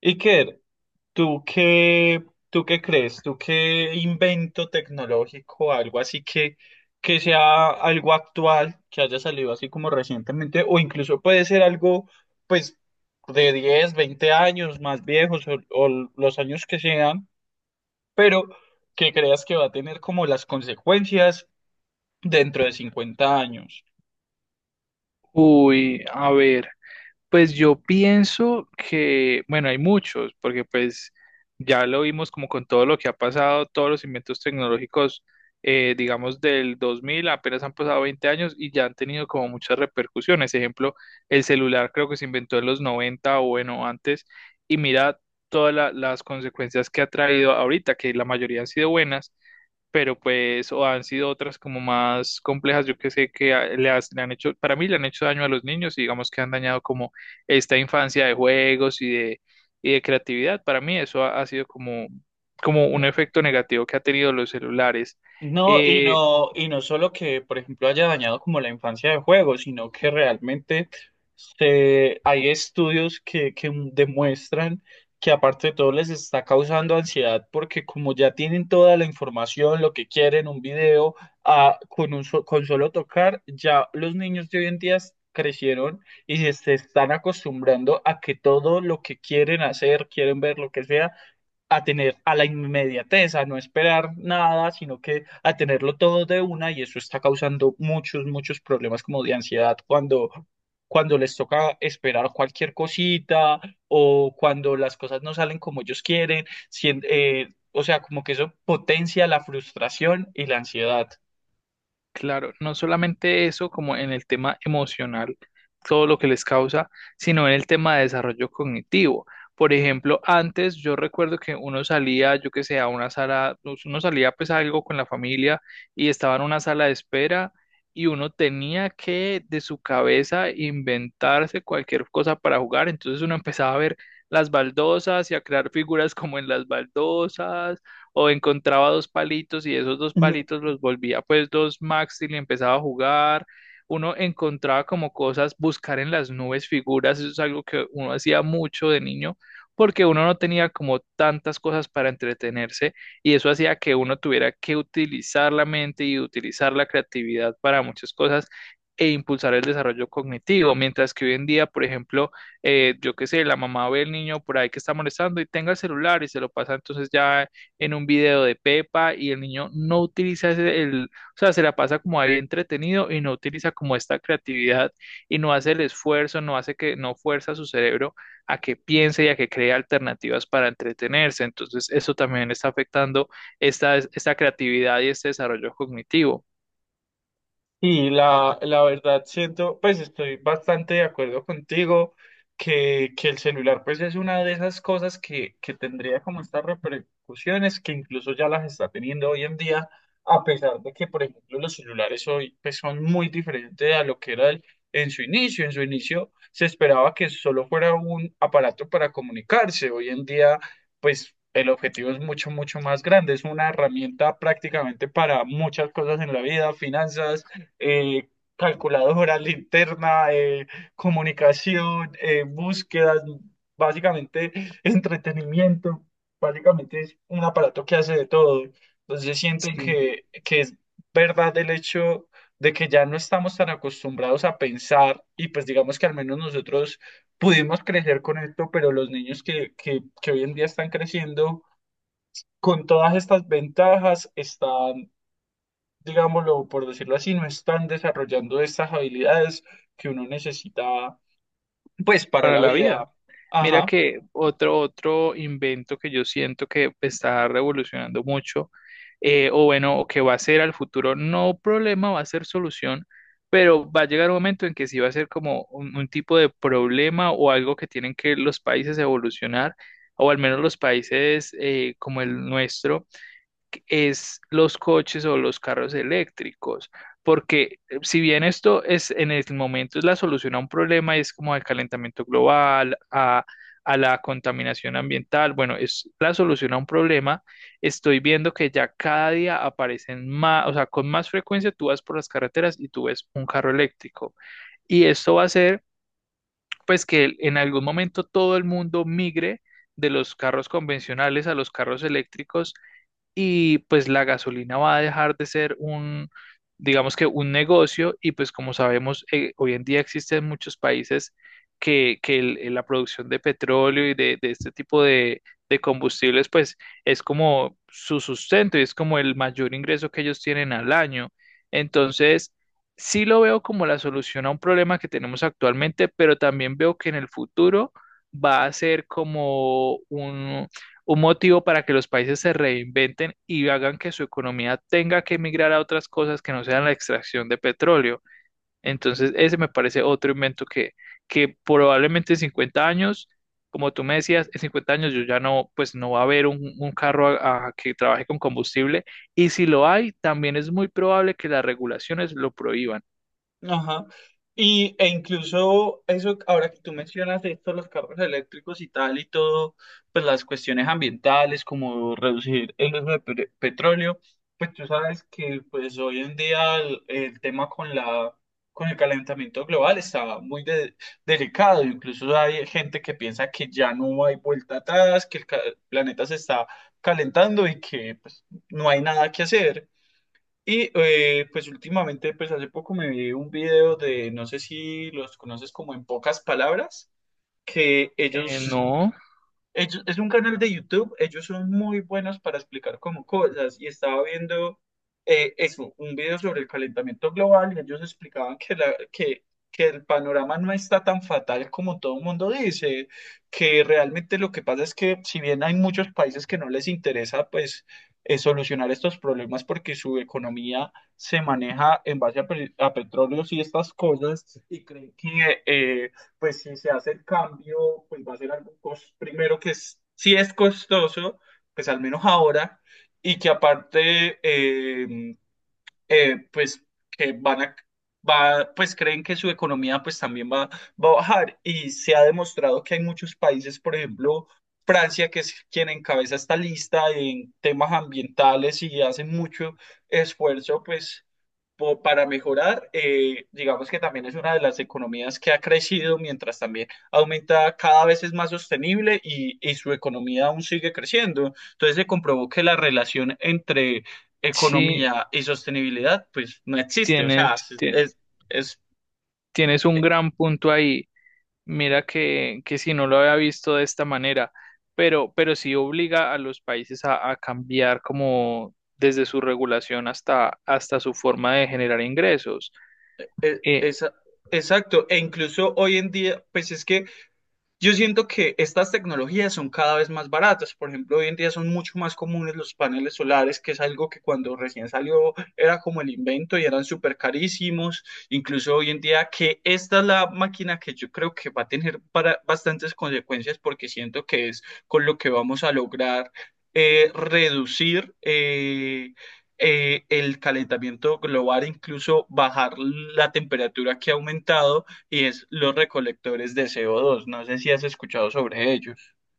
Iker, ¿tú qué, tú qué crees? ¿Tú qué invento tecnológico, algo así que sea algo actual, que haya salido así como recientemente, o incluso puede ser algo, pues, de 10, 20 años más viejos o los años que sean, pero que creas que va a tener como las consecuencias dentro de 50 años? Uy, a ver. Pues yo pienso que, bueno, hay muchos, porque pues ya lo vimos como con todo lo que ha pasado, todos los inventos tecnológicos, digamos, del 2000 apenas han pasado 20 años y ya han tenido como muchas repercusiones. Ejemplo, el celular creo que se inventó en los 90 o bueno, antes, y mira todas las consecuencias que ha traído ahorita, que la mayoría han sido buenas pero pues o han sido otras como más complejas, yo que sé que a- le, has- le han hecho, para mí le han hecho daño a los niños y digamos que han dañado como esta infancia de juegos y de creatividad. Para mí eso ha sido como un efecto negativo que ha tenido los celulares. No, y Eh, no, y no solo que, por ejemplo, haya dañado como la infancia de juego, sino que realmente hay estudios que demuestran que aparte de todo les está causando ansiedad porque como ya tienen toda la información, lo que quieren, un video, con solo tocar, ya los niños de hoy en día crecieron y se están acostumbrando a que todo lo que quieren hacer, quieren ver lo que sea, a tener a la inmediatez, a no esperar nada, sino que a tenerlo todo de una, y eso está causando muchos, muchos problemas como de ansiedad cuando les toca esperar cualquier cosita, o cuando las cosas no salen como ellos quieren, o sea, como que eso potencia la frustración y la ansiedad. Claro, no solamente eso, como en el tema emocional, todo lo que les causa, sino en el tema de desarrollo cognitivo. Por ejemplo, antes yo recuerdo que uno salía, yo que sé, a una sala, pues, uno salía pues a algo con la familia y estaba en una sala de espera y uno tenía que de su cabeza inventarse cualquier cosa para jugar. Entonces uno empezaba a ver las baldosas y a crear figuras como en las baldosas o encontraba dos palitos y esos dos palitos los volvía pues dos max y le empezaba a jugar. Uno encontraba como cosas, buscar en las nubes figuras, eso es algo que uno hacía mucho de niño, porque uno no tenía como tantas cosas para entretenerse y eso hacía que uno tuviera que utilizar la mente y utilizar la creatividad para muchas cosas e impulsar el desarrollo cognitivo, mientras que hoy en día, por ejemplo, yo qué sé, la mamá ve al niño por ahí que está molestando y tenga el celular y se lo pasa entonces ya en un video de Pepa y el niño no utiliza o sea, se la pasa como ahí entretenido y no utiliza como esta creatividad y no hace el esfuerzo, no hace que, no fuerza a su cerebro a que piense y a que cree alternativas para entretenerse. Entonces, eso también está afectando esta creatividad y este desarrollo cognitivo. Y la verdad siento, pues estoy bastante de acuerdo contigo que el celular pues es una de esas cosas que tendría como estas repercusiones, que incluso ya las está teniendo hoy en día, a pesar de que por ejemplo los celulares hoy pues son muy diferentes a lo que era en su inicio. En su inicio se esperaba que solo fuera un aparato para comunicarse. Hoy en día pues el objetivo es mucho, mucho más grande. Es una herramienta prácticamente para muchas cosas en la vida: finanzas, eh, calculadora, linterna, comunicación, búsquedas, básicamente entretenimiento. Básicamente es un aparato que hace de todo. Entonces siento Sí, que es verdad el hecho de que ya no estamos tan acostumbrados a pensar, y pues digamos que al menos nosotros pudimos crecer con esto, pero los niños que hoy en día están creciendo con todas estas ventajas están, digámoslo por decirlo así, no están desarrollando estas habilidades que uno necesita, pues, para para la la vida. vida. Mira Ajá. que otro invento que yo siento que está revolucionando mucho, o bueno, o que va a ser al futuro, no problema, va a ser solución, pero va a llegar un momento en que sí va a ser como un tipo de problema o algo que tienen que los países evolucionar, o al menos los países como el nuestro es los coches o los carros eléctricos, porque si bien esto es en el momento es la solución a un problema, es como al calentamiento global, a la contaminación ambiental, bueno, es la solución a un problema, estoy viendo que ya cada día aparecen más, o sea, con más frecuencia tú vas por las carreteras y tú ves un carro eléctrico, y esto va a hacer pues que en algún momento todo el mundo migre de los carros convencionales a los carros eléctricos y pues la gasolina va a dejar de ser un, digamos que un negocio y pues como sabemos, hoy en día existen muchos países que la producción de petróleo y de este tipo de combustibles pues es como su sustento y es como el mayor ingreso que ellos tienen al año. Entonces, sí lo veo como la solución a un problema que tenemos actualmente, pero también veo que en el futuro va a ser como un motivo para que los países se reinventen y hagan que su economía tenga que emigrar a otras cosas que no sean la extracción de petróleo. Entonces, ese me parece otro invento que probablemente en 50 años, como tú me decías, en 50 años yo ya no, pues no va a haber un carro a que trabaje con combustible y si lo hay, también es muy probable que las regulaciones lo prohíban. Ajá. E incluso eso, ahora que tú mencionas esto, los carros eléctricos y tal y todo, pues las cuestiones ambientales, como reducir el uso de petróleo, pues tú sabes que pues hoy en día el tema con con el calentamiento global está muy delicado. Incluso hay gente que piensa que ya no hay vuelta atrás, que el planeta se está calentando y que pues no hay nada que hacer. Pues últimamente, pues hace poco me vi un video de, no sé si los conoces, como en pocas palabras. que ellos No, es un canal de YouTube, ellos son muy buenos para explicar como cosas, y estaba viendo, eso, un video sobre el calentamiento global, y ellos explicaban que el panorama no está tan fatal como todo el mundo dice, que realmente lo que pasa es que, si bien hay muchos países que no les interesa pues, solucionar estos problemas porque su economía se maneja en base a petróleos y estas cosas, y creen que pues si se hace el cambio, pues va a ser algo, primero que es, si es costoso, pues al menos ahora, y que aparte, pues, que van a, va, pues creen que su economía pues también va a bajar. Y se ha demostrado que hay muchos países, por ejemplo, Francia, que es quien encabeza esta lista en temas ambientales y hace mucho esfuerzo, pues, para mejorar, digamos, que también es una de las economías que ha crecido, mientras también aumenta, cada vez es más sostenible, y, su economía aún sigue creciendo. Entonces se comprobó que la relación entre sí, economía y sostenibilidad pues no existe, o sea, tienes, es, tie- es- tienes un e- gran punto ahí. Mira que si no lo había visto de esta manera, pero sí obliga a los países a cambiar como desde su regulación hasta su forma de generar ingresos. e, Eh, esa- exacto, e incluso hoy en día, pues es que yo siento que estas tecnologías son cada vez más baratas. Por ejemplo, hoy en día son mucho más comunes los paneles solares, que es algo que cuando recién salió era como el invento y eran súper carísimos. Incluso hoy en día, que esta es la máquina que yo creo que va a tener para bastantes consecuencias, porque siento que es con lo que vamos a lograr, reducir, el calentamiento global, incluso bajar la temperatura que ha aumentado, y es los recolectores de CO2. No sé si has escuchado sobre ello.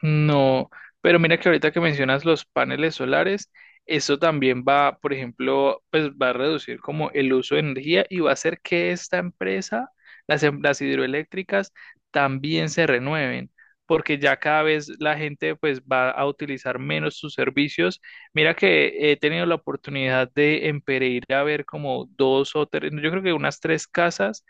No, pero mira que ahorita que mencionas los paneles solares, eso también va, por ejemplo, pues va a reducir como el uso de energía y va a hacer que esta empresa, las hidroeléctricas, también se renueven, porque ya cada vez la gente pues va a utilizar menos sus servicios. Mira que he tenido la oportunidad de en Pereira ver como dos o tres, yo creo que unas tres casas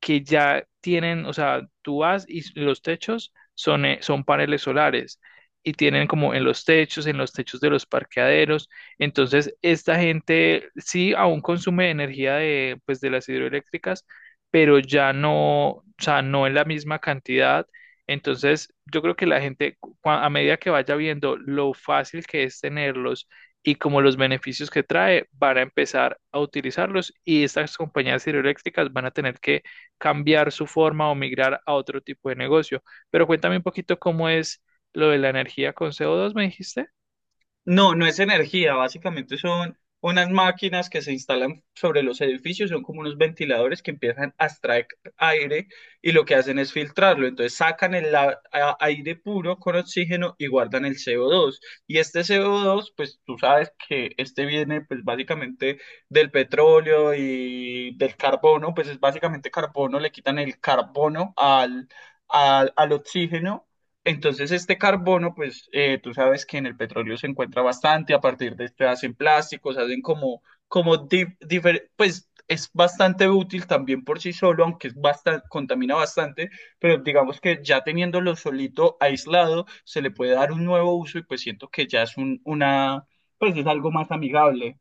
que ya tienen, o sea, tú vas y los techos son paneles solares y tienen como en los techos de los parqueaderos. Entonces, esta gente sí aún consume energía de, pues, de las hidroeléctricas, pero ya no, o sea, no en la misma cantidad. Entonces, yo creo que la gente, a medida que vaya viendo lo fácil que es tenerlos, y como los beneficios que trae, van a empezar a utilizarlos y estas compañías hidroeléctricas van a tener que cambiar su forma o migrar a otro tipo de negocio. Pero cuéntame un poquito cómo es lo de la energía con CO2 me dijiste. No, no es energía, básicamente son unas máquinas que se instalan sobre los edificios, son como unos ventiladores que empiezan a extraer aire, y lo que hacen es filtrarlo. Entonces sacan el aire puro con oxígeno y guardan el CO2. Y este CO2, pues tú sabes que este viene pues básicamente del petróleo y del carbono, pues es básicamente carbono, le quitan el carbono al oxígeno. Entonces, este carbono, pues, tú sabes que en el petróleo se encuentra bastante, a partir de este hacen plásticos, hacen como, como, pues es bastante útil también por sí solo, aunque es bastante, contamina bastante, pero digamos que ya teniéndolo solito, aislado, se le puede dar un nuevo uso, y pues siento que ya es una, pues es algo más amigable.